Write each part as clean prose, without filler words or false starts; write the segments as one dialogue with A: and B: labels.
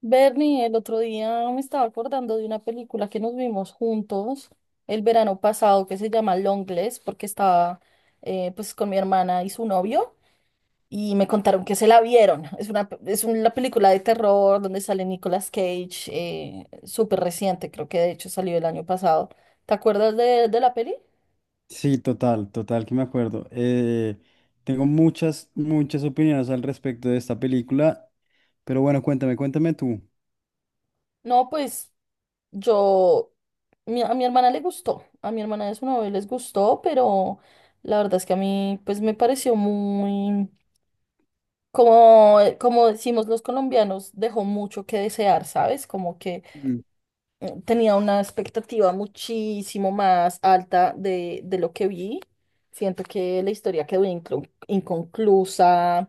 A: Bernie, el otro día me estaba acordando de una película que nos vimos juntos el verano pasado que se llama Longlegs porque estaba pues con mi hermana y su novio y me contaron que se la vieron. Es una, es una película de terror donde sale Nicolas Cage, súper reciente, creo que de hecho salió el año pasado. ¿Te acuerdas de la peli?
B: Sí, total, total, que me acuerdo. Tengo muchas, muchas opiniones al respecto de esta película, pero bueno, cuéntame, cuéntame tú.
A: No, pues yo, a mi hermana le gustó, a mi hermana de su novio les gustó, pero la verdad es que a mí pues me pareció muy, como, como decimos los colombianos, dejó mucho que desear, ¿sabes? Como que
B: Mm,
A: tenía una expectativa muchísimo más alta de lo que vi. Siento que la historia quedó inconclusa.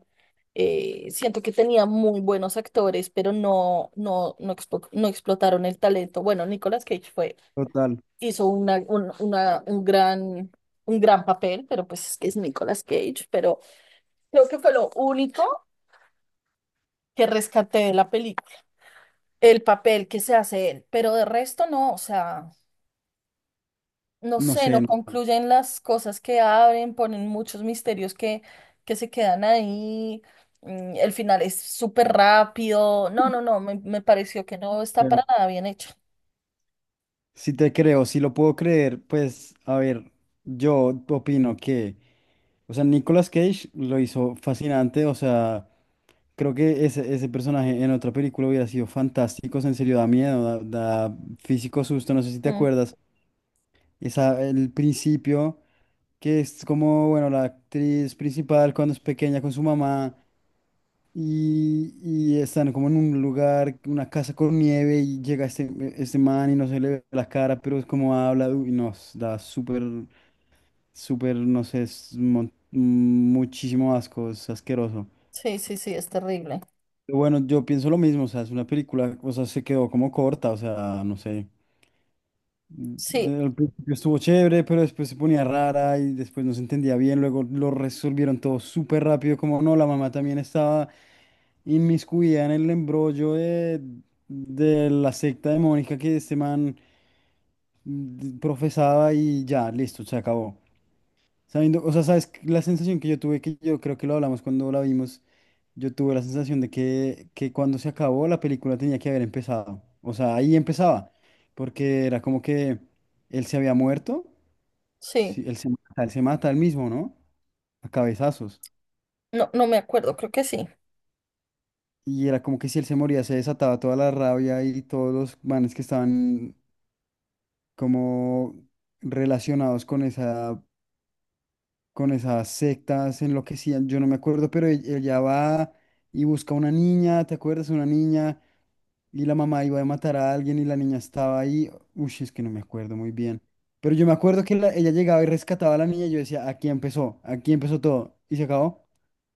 A: Siento que tenía muy buenos actores, pero no, no explotaron el talento. Bueno, Nicolas Cage fue,
B: Total,
A: hizo un gran papel, pero pues es que es Nicolas Cage, pero creo que fue lo único que rescaté de la película, el papel que se hace él, pero de resto no, o sea, no
B: no
A: sé,
B: sé,
A: no
B: no sé,
A: concluyen las cosas que abren, ponen muchos misterios que se quedan ahí. El final es súper rápido. No, me pareció que no está
B: pero
A: para nada bien hecho.
B: si te creo, si lo puedo creer, pues, a ver, yo opino que, o sea, Nicolas Cage lo hizo fascinante, o sea, creo que ese personaje en otra película hubiera sido fantástico, o sea, en serio, da miedo, da, da físico susto, no sé si te
A: Mm.
B: acuerdas. Esa, el principio, que es como, bueno, la actriz principal cuando es pequeña con su mamá y están como en un lugar, una casa con nieve y llega este man y no se le ve la cara, pero es como habla uy, nos da súper, súper, no sé, es muchísimo asco, es asqueroso.
A: Sí, sí, sí, es terrible.
B: Pero bueno, yo pienso lo mismo, o sea, es una película, o sea, se quedó como corta, o sea, no sé.
A: Sí,
B: Al principio estuvo chévere, pero después se ponía rara y después no se entendía bien. Luego lo resolvieron todo súper rápido, como no, la mamá también estaba inmiscuida en el embrollo de la secta demónica que este man profesaba y ya, listo, se acabó. Sabiendo, o sea, sabes, que la sensación que yo tuve, que yo creo que lo hablamos cuando la vimos, yo tuve la sensación de que cuando se acabó la película tenía que haber empezado. O sea, ahí empezaba, porque era como que él se había muerto,
A: sí.
B: sí él se mata, él se mata él mismo, ¿no? A cabezazos.
A: No, no me acuerdo, creo que sí.
B: Y era como que si él se moría se desataba toda la rabia y todos los manes que estaban como relacionados con esa con esas sectas enloquecían, yo no me acuerdo, pero ella va y busca una niña, ¿te acuerdas? Una niña y la mamá iba a matar a alguien y la niña estaba ahí. Uy, es que no me acuerdo muy bien. Pero yo me acuerdo que ella llegaba y rescataba a la niña y yo decía, aquí empezó todo. Y se acabó.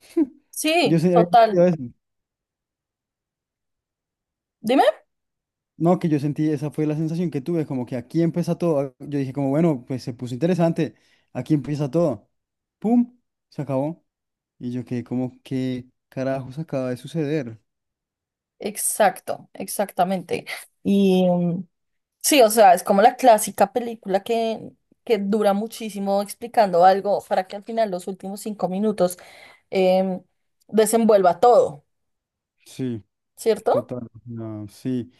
B: Yo
A: Sí,
B: sé, había
A: total.
B: entendido eso.
A: Dime.
B: No, que yo sentí, esa fue la sensación que tuve, como que aquí empieza todo. Yo dije como, bueno, pues se puso interesante, aquí empieza todo. ¡Pum! Se acabó. Y yo quedé como, ¿qué carajos acaba de suceder?
A: Exacto, exactamente. y mm, Sí, o sea, es como la clásica película que dura muchísimo explicando algo para que al final los últimos 5 minutos em, desenvuelva todo,
B: Sí,
A: ¿cierto?
B: total. No, sí.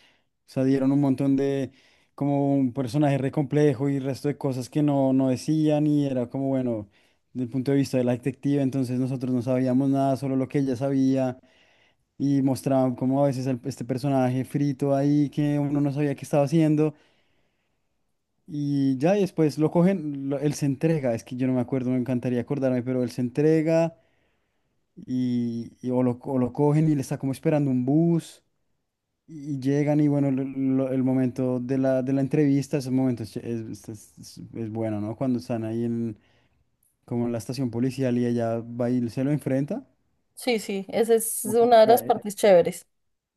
B: O sea, dieron un montón como un personaje re complejo y resto de cosas que no decían y era como, bueno, desde el punto de vista de la detective, entonces nosotros no sabíamos nada, solo lo que ella sabía. Y mostraban como a veces este personaje frito ahí que uno no sabía qué estaba haciendo y ya y después lo cogen, él se entrega, es que yo no me acuerdo, me encantaría acordarme, pero él se entrega y o lo cogen y le está como esperando un bus y llegan y bueno, el momento de la entrevista, esos momentos es bueno, ¿no? Cuando están ahí en, como en la estación policial y ella va y se lo enfrenta.
A: Sí, sí, esa es
B: Ujú.
A: una de las partes chéveres.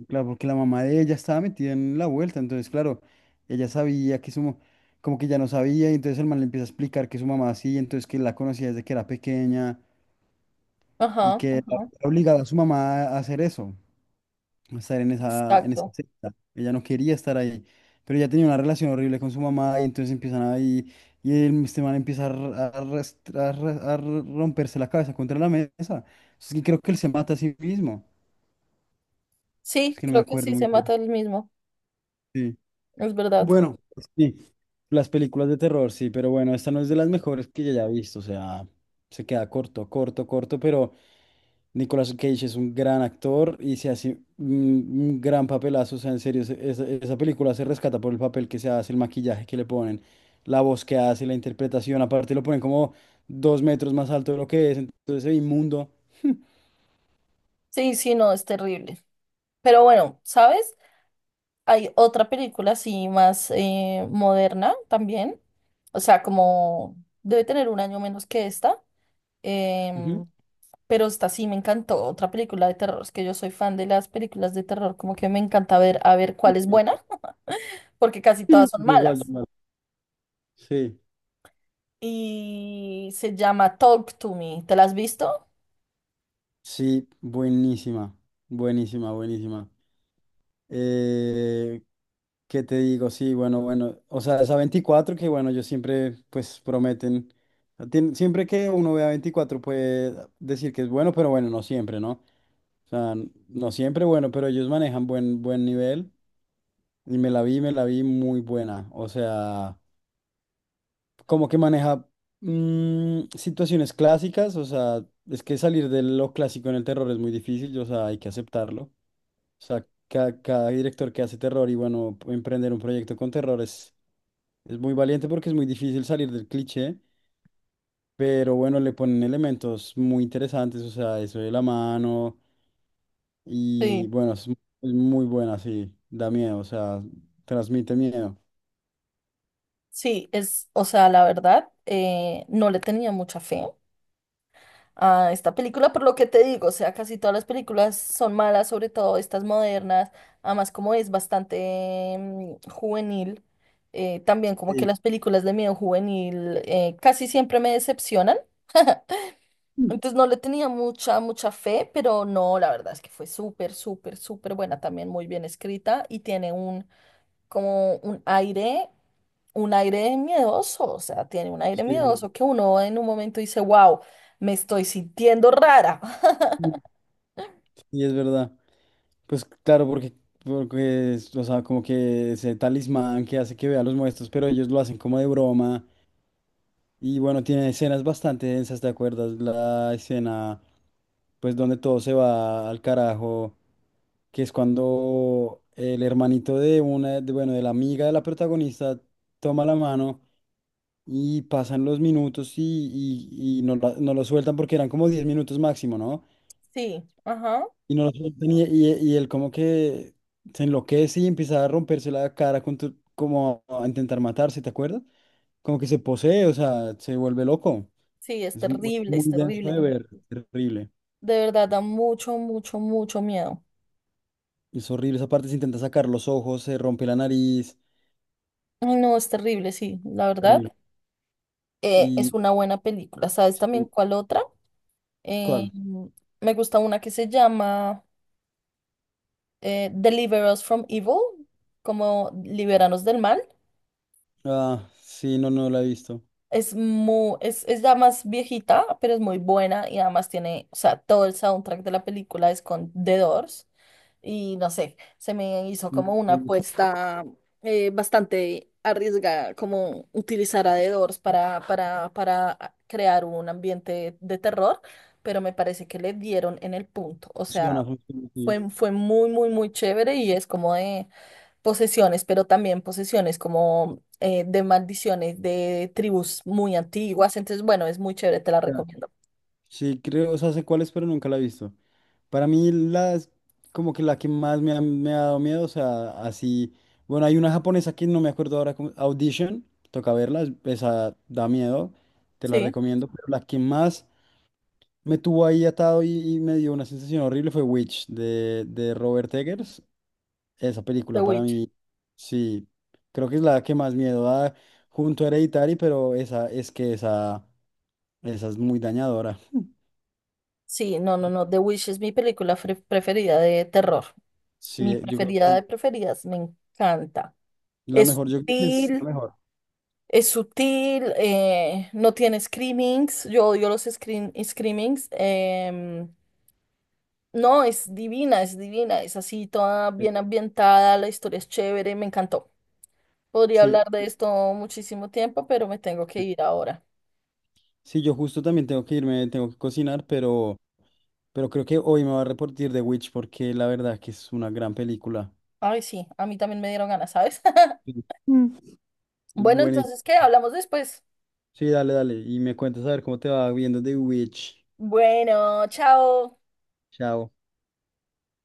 B: Claro, porque la mamá de ella estaba metida en la vuelta, entonces, claro, ella sabía que su, como que ya no sabía, y entonces el man le empieza a explicar que su mamá así, entonces que la conocía desde que era pequeña y
A: Ajá,
B: que
A: ajá,
B: era obligada a su mamá a hacer eso, a estar en esa
A: exacto.
B: secta. Ella no quería estar ahí, pero ella tenía una relación horrible con su mamá y entonces empiezan ahí, y el, este man empieza a, romperse la cabeza contra la mesa. Es que creo que él se mata a sí mismo, es
A: Sí,
B: que no me
A: creo que
B: acuerdo
A: sí
B: muy
A: se
B: bien.
A: mata el mismo,
B: Sí.
A: es verdad.
B: Bueno, sí, las películas de terror, sí, pero bueno, esta no es de las mejores que yo haya visto, o sea, se queda corto, corto, corto, pero Nicolas Cage es un gran actor y se hace un gran papelazo, o sea, en serio, esa, esa película se rescata por el papel que se hace, el maquillaje que le ponen, la voz que hace, la interpretación, aparte lo ponen como 2 metros más alto de lo que es, entonces se ve inmundo.
A: Sí, sí, no, es terrible. Pero bueno, ¿sabes? Hay otra película así más moderna también, o sea, como debe tener un año menos que esta.
B: Ujú.
A: Em, pero esta sí me encantó, otra película de terror. Es que yo soy fan de las películas de terror, como que me encanta ver a ver
B: Sí,
A: cuál es buena, porque casi
B: sí.
A: todas son
B: Igual,
A: malas.
B: igual. Sí,
A: Y se llama Talk to Me. ¿Te la has visto?
B: sí, buenísima, buenísima, buenísima. Eh, ¿Qué te digo? Sí, bueno, bueno. O sea, esa 24 que, bueno, yo siempre, pues, prometen. Siempre que uno vea 24 puede decir que es bueno, pero bueno, no siempre, ¿no? O sea, no siempre bueno, pero ellos manejan buen, buen nivel. Y me la vi muy buena. O sea, como que maneja situaciones clásicas. O sea, es que salir de lo clásico en el terror es muy difícil. O sea, hay que aceptarlo. O sea, cada, cada director que hace terror y bueno, emprender un proyecto con terror es muy valiente porque es muy difícil salir del cliché, pero bueno, le ponen elementos muy interesantes, o sea, eso de la mano y
A: Sí.
B: bueno, es muy buena, sí, da miedo, o sea, transmite miedo.
A: Sí, es, o sea, la verdad, no le tenía mucha fe a esta película, por lo que te digo, o sea, casi todas las películas son malas, sobre todo estas modernas, además como es bastante juvenil, también como que
B: Sí,
A: las películas de miedo juvenil casi siempre me decepcionan, entonces no le tenía mucha, mucha fe, pero no, la verdad es que fue súper, súper, súper buena, también muy bien escrita y tiene un, como un aire miedoso, o sea, tiene un aire
B: sí,
A: miedoso que uno en un momento dice, wow, me estoy sintiendo rara.
B: sí, es verdad. Pues claro, porque es, o sea, como que ese talismán que hace que vea los muertos, pero ellos lo hacen como de broma. Y bueno, tiene escenas bastante densas, ¿te acuerdas? La escena, pues donde todo se va al carajo, que es cuando el hermanito bueno, de la amiga de la protagonista toma la mano y pasan los minutos y no, no lo sueltan porque eran como 10 minutos máximo, ¿no?
A: Sí, ajá.
B: Y no lo sueltan y y él como que se enloquece y empieza a romperse la cara como a intentar matarse, ¿te acuerdas? Como que se posee, o sea, se vuelve loco.
A: Sí, es
B: Es mu-
A: terrible, es
B: Muy denso de
A: terrible.
B: ver, terrible.
A: De verdad, da mucho, mucho, mucho miedo.
B: Es horrible. Esa parte se intenta sacar los ojos, se rompe la nariz.
A: Ay, no, es terrible, sí, la verdad.
B: Terrible.
A: Eh, es
B: Y
A: una buena película. ¿Sabes también
B: sí,
A: cuál otra? Eh,
B: ¿cuál?
A: me gusta una que se llama Deliver Us from Evil, como Liberanos del Mal.
B: Ah, sí, no, no la he visto.
A: Es muy, es ya más viejita, pero es muy buena y además tiene, o sea, todo el soundtrack de la película es con The Doors. Y no sé, se me hizo
B: Mm,
A: como una apuesta bastante arriesgada, como utilizar a The Doors para crear un ambiente de terror, pero me parece que le dieron en el punto, o sea,
B: funciona, funciona, sí.
A: fue, fue muy, muy, muy chévere y es como de posesiones, pero también posesiones como de maldiciones de tribus muy antiguas, entonces bueno, es muy chévere, te la
B: Ya.
A: recomiendo.
B: Sí, creo, o sea, sé cuál es, pero nunca la he visto. Para mí, las, como que la que más me ha dado miedo, o sea, así. Bueno, hay una japonesa que no me acuerdo ahora, Audition, toca verla, esa da miedo, te la
A: Sí,
B: recomiendo, pero la que más me tuvo ahí atado y me dio una sensación horrible fue Witch de Robert Eggers. Esa película
A: The
B: para
A: Witch.
B: mí, sí, creo que es la que más miedo da junto a Hereditary, pero esa es que esa es muy dañadora.
A: Sí, no, no, no. The Wish es mi película preferida de terror.
B: Sí,
A: Mi
B: yo creo que
A: preferida
B: es
A: de preferidas, me encanta.
B: la
A: Es
B: mejor, yo creo que es la
A: sutil,
B: mejor.
A: es sutil, no tiene screamings. Yo odio los screamings. No, es divina, es divina. Es así, toda
B: Eh,
A: bien ambientada, la historia es chévere, me encantó. Podría
B: Sí,
A: hablar de esto muchísimo tiempo, pero me tengo que
B: sí,
A: ir ahora.
B: sí, yo justo también tengo que irme, tengo que cocinar, pero creo que hoy me va a reportar de Witch porque la verdad que es una gran película.
A: Ay, sí, a mí también me dieron ganas, ¿sabes?
B: Sí. Mm.
A: Bueno,
B: Buenísimo.
A: entonces, ¿qué? Hablamos después.
B: Sí, dale, dale. Y me cuentas a ver cómo te va viendo The Witch.
A: Bueno, chao.
B: Chao.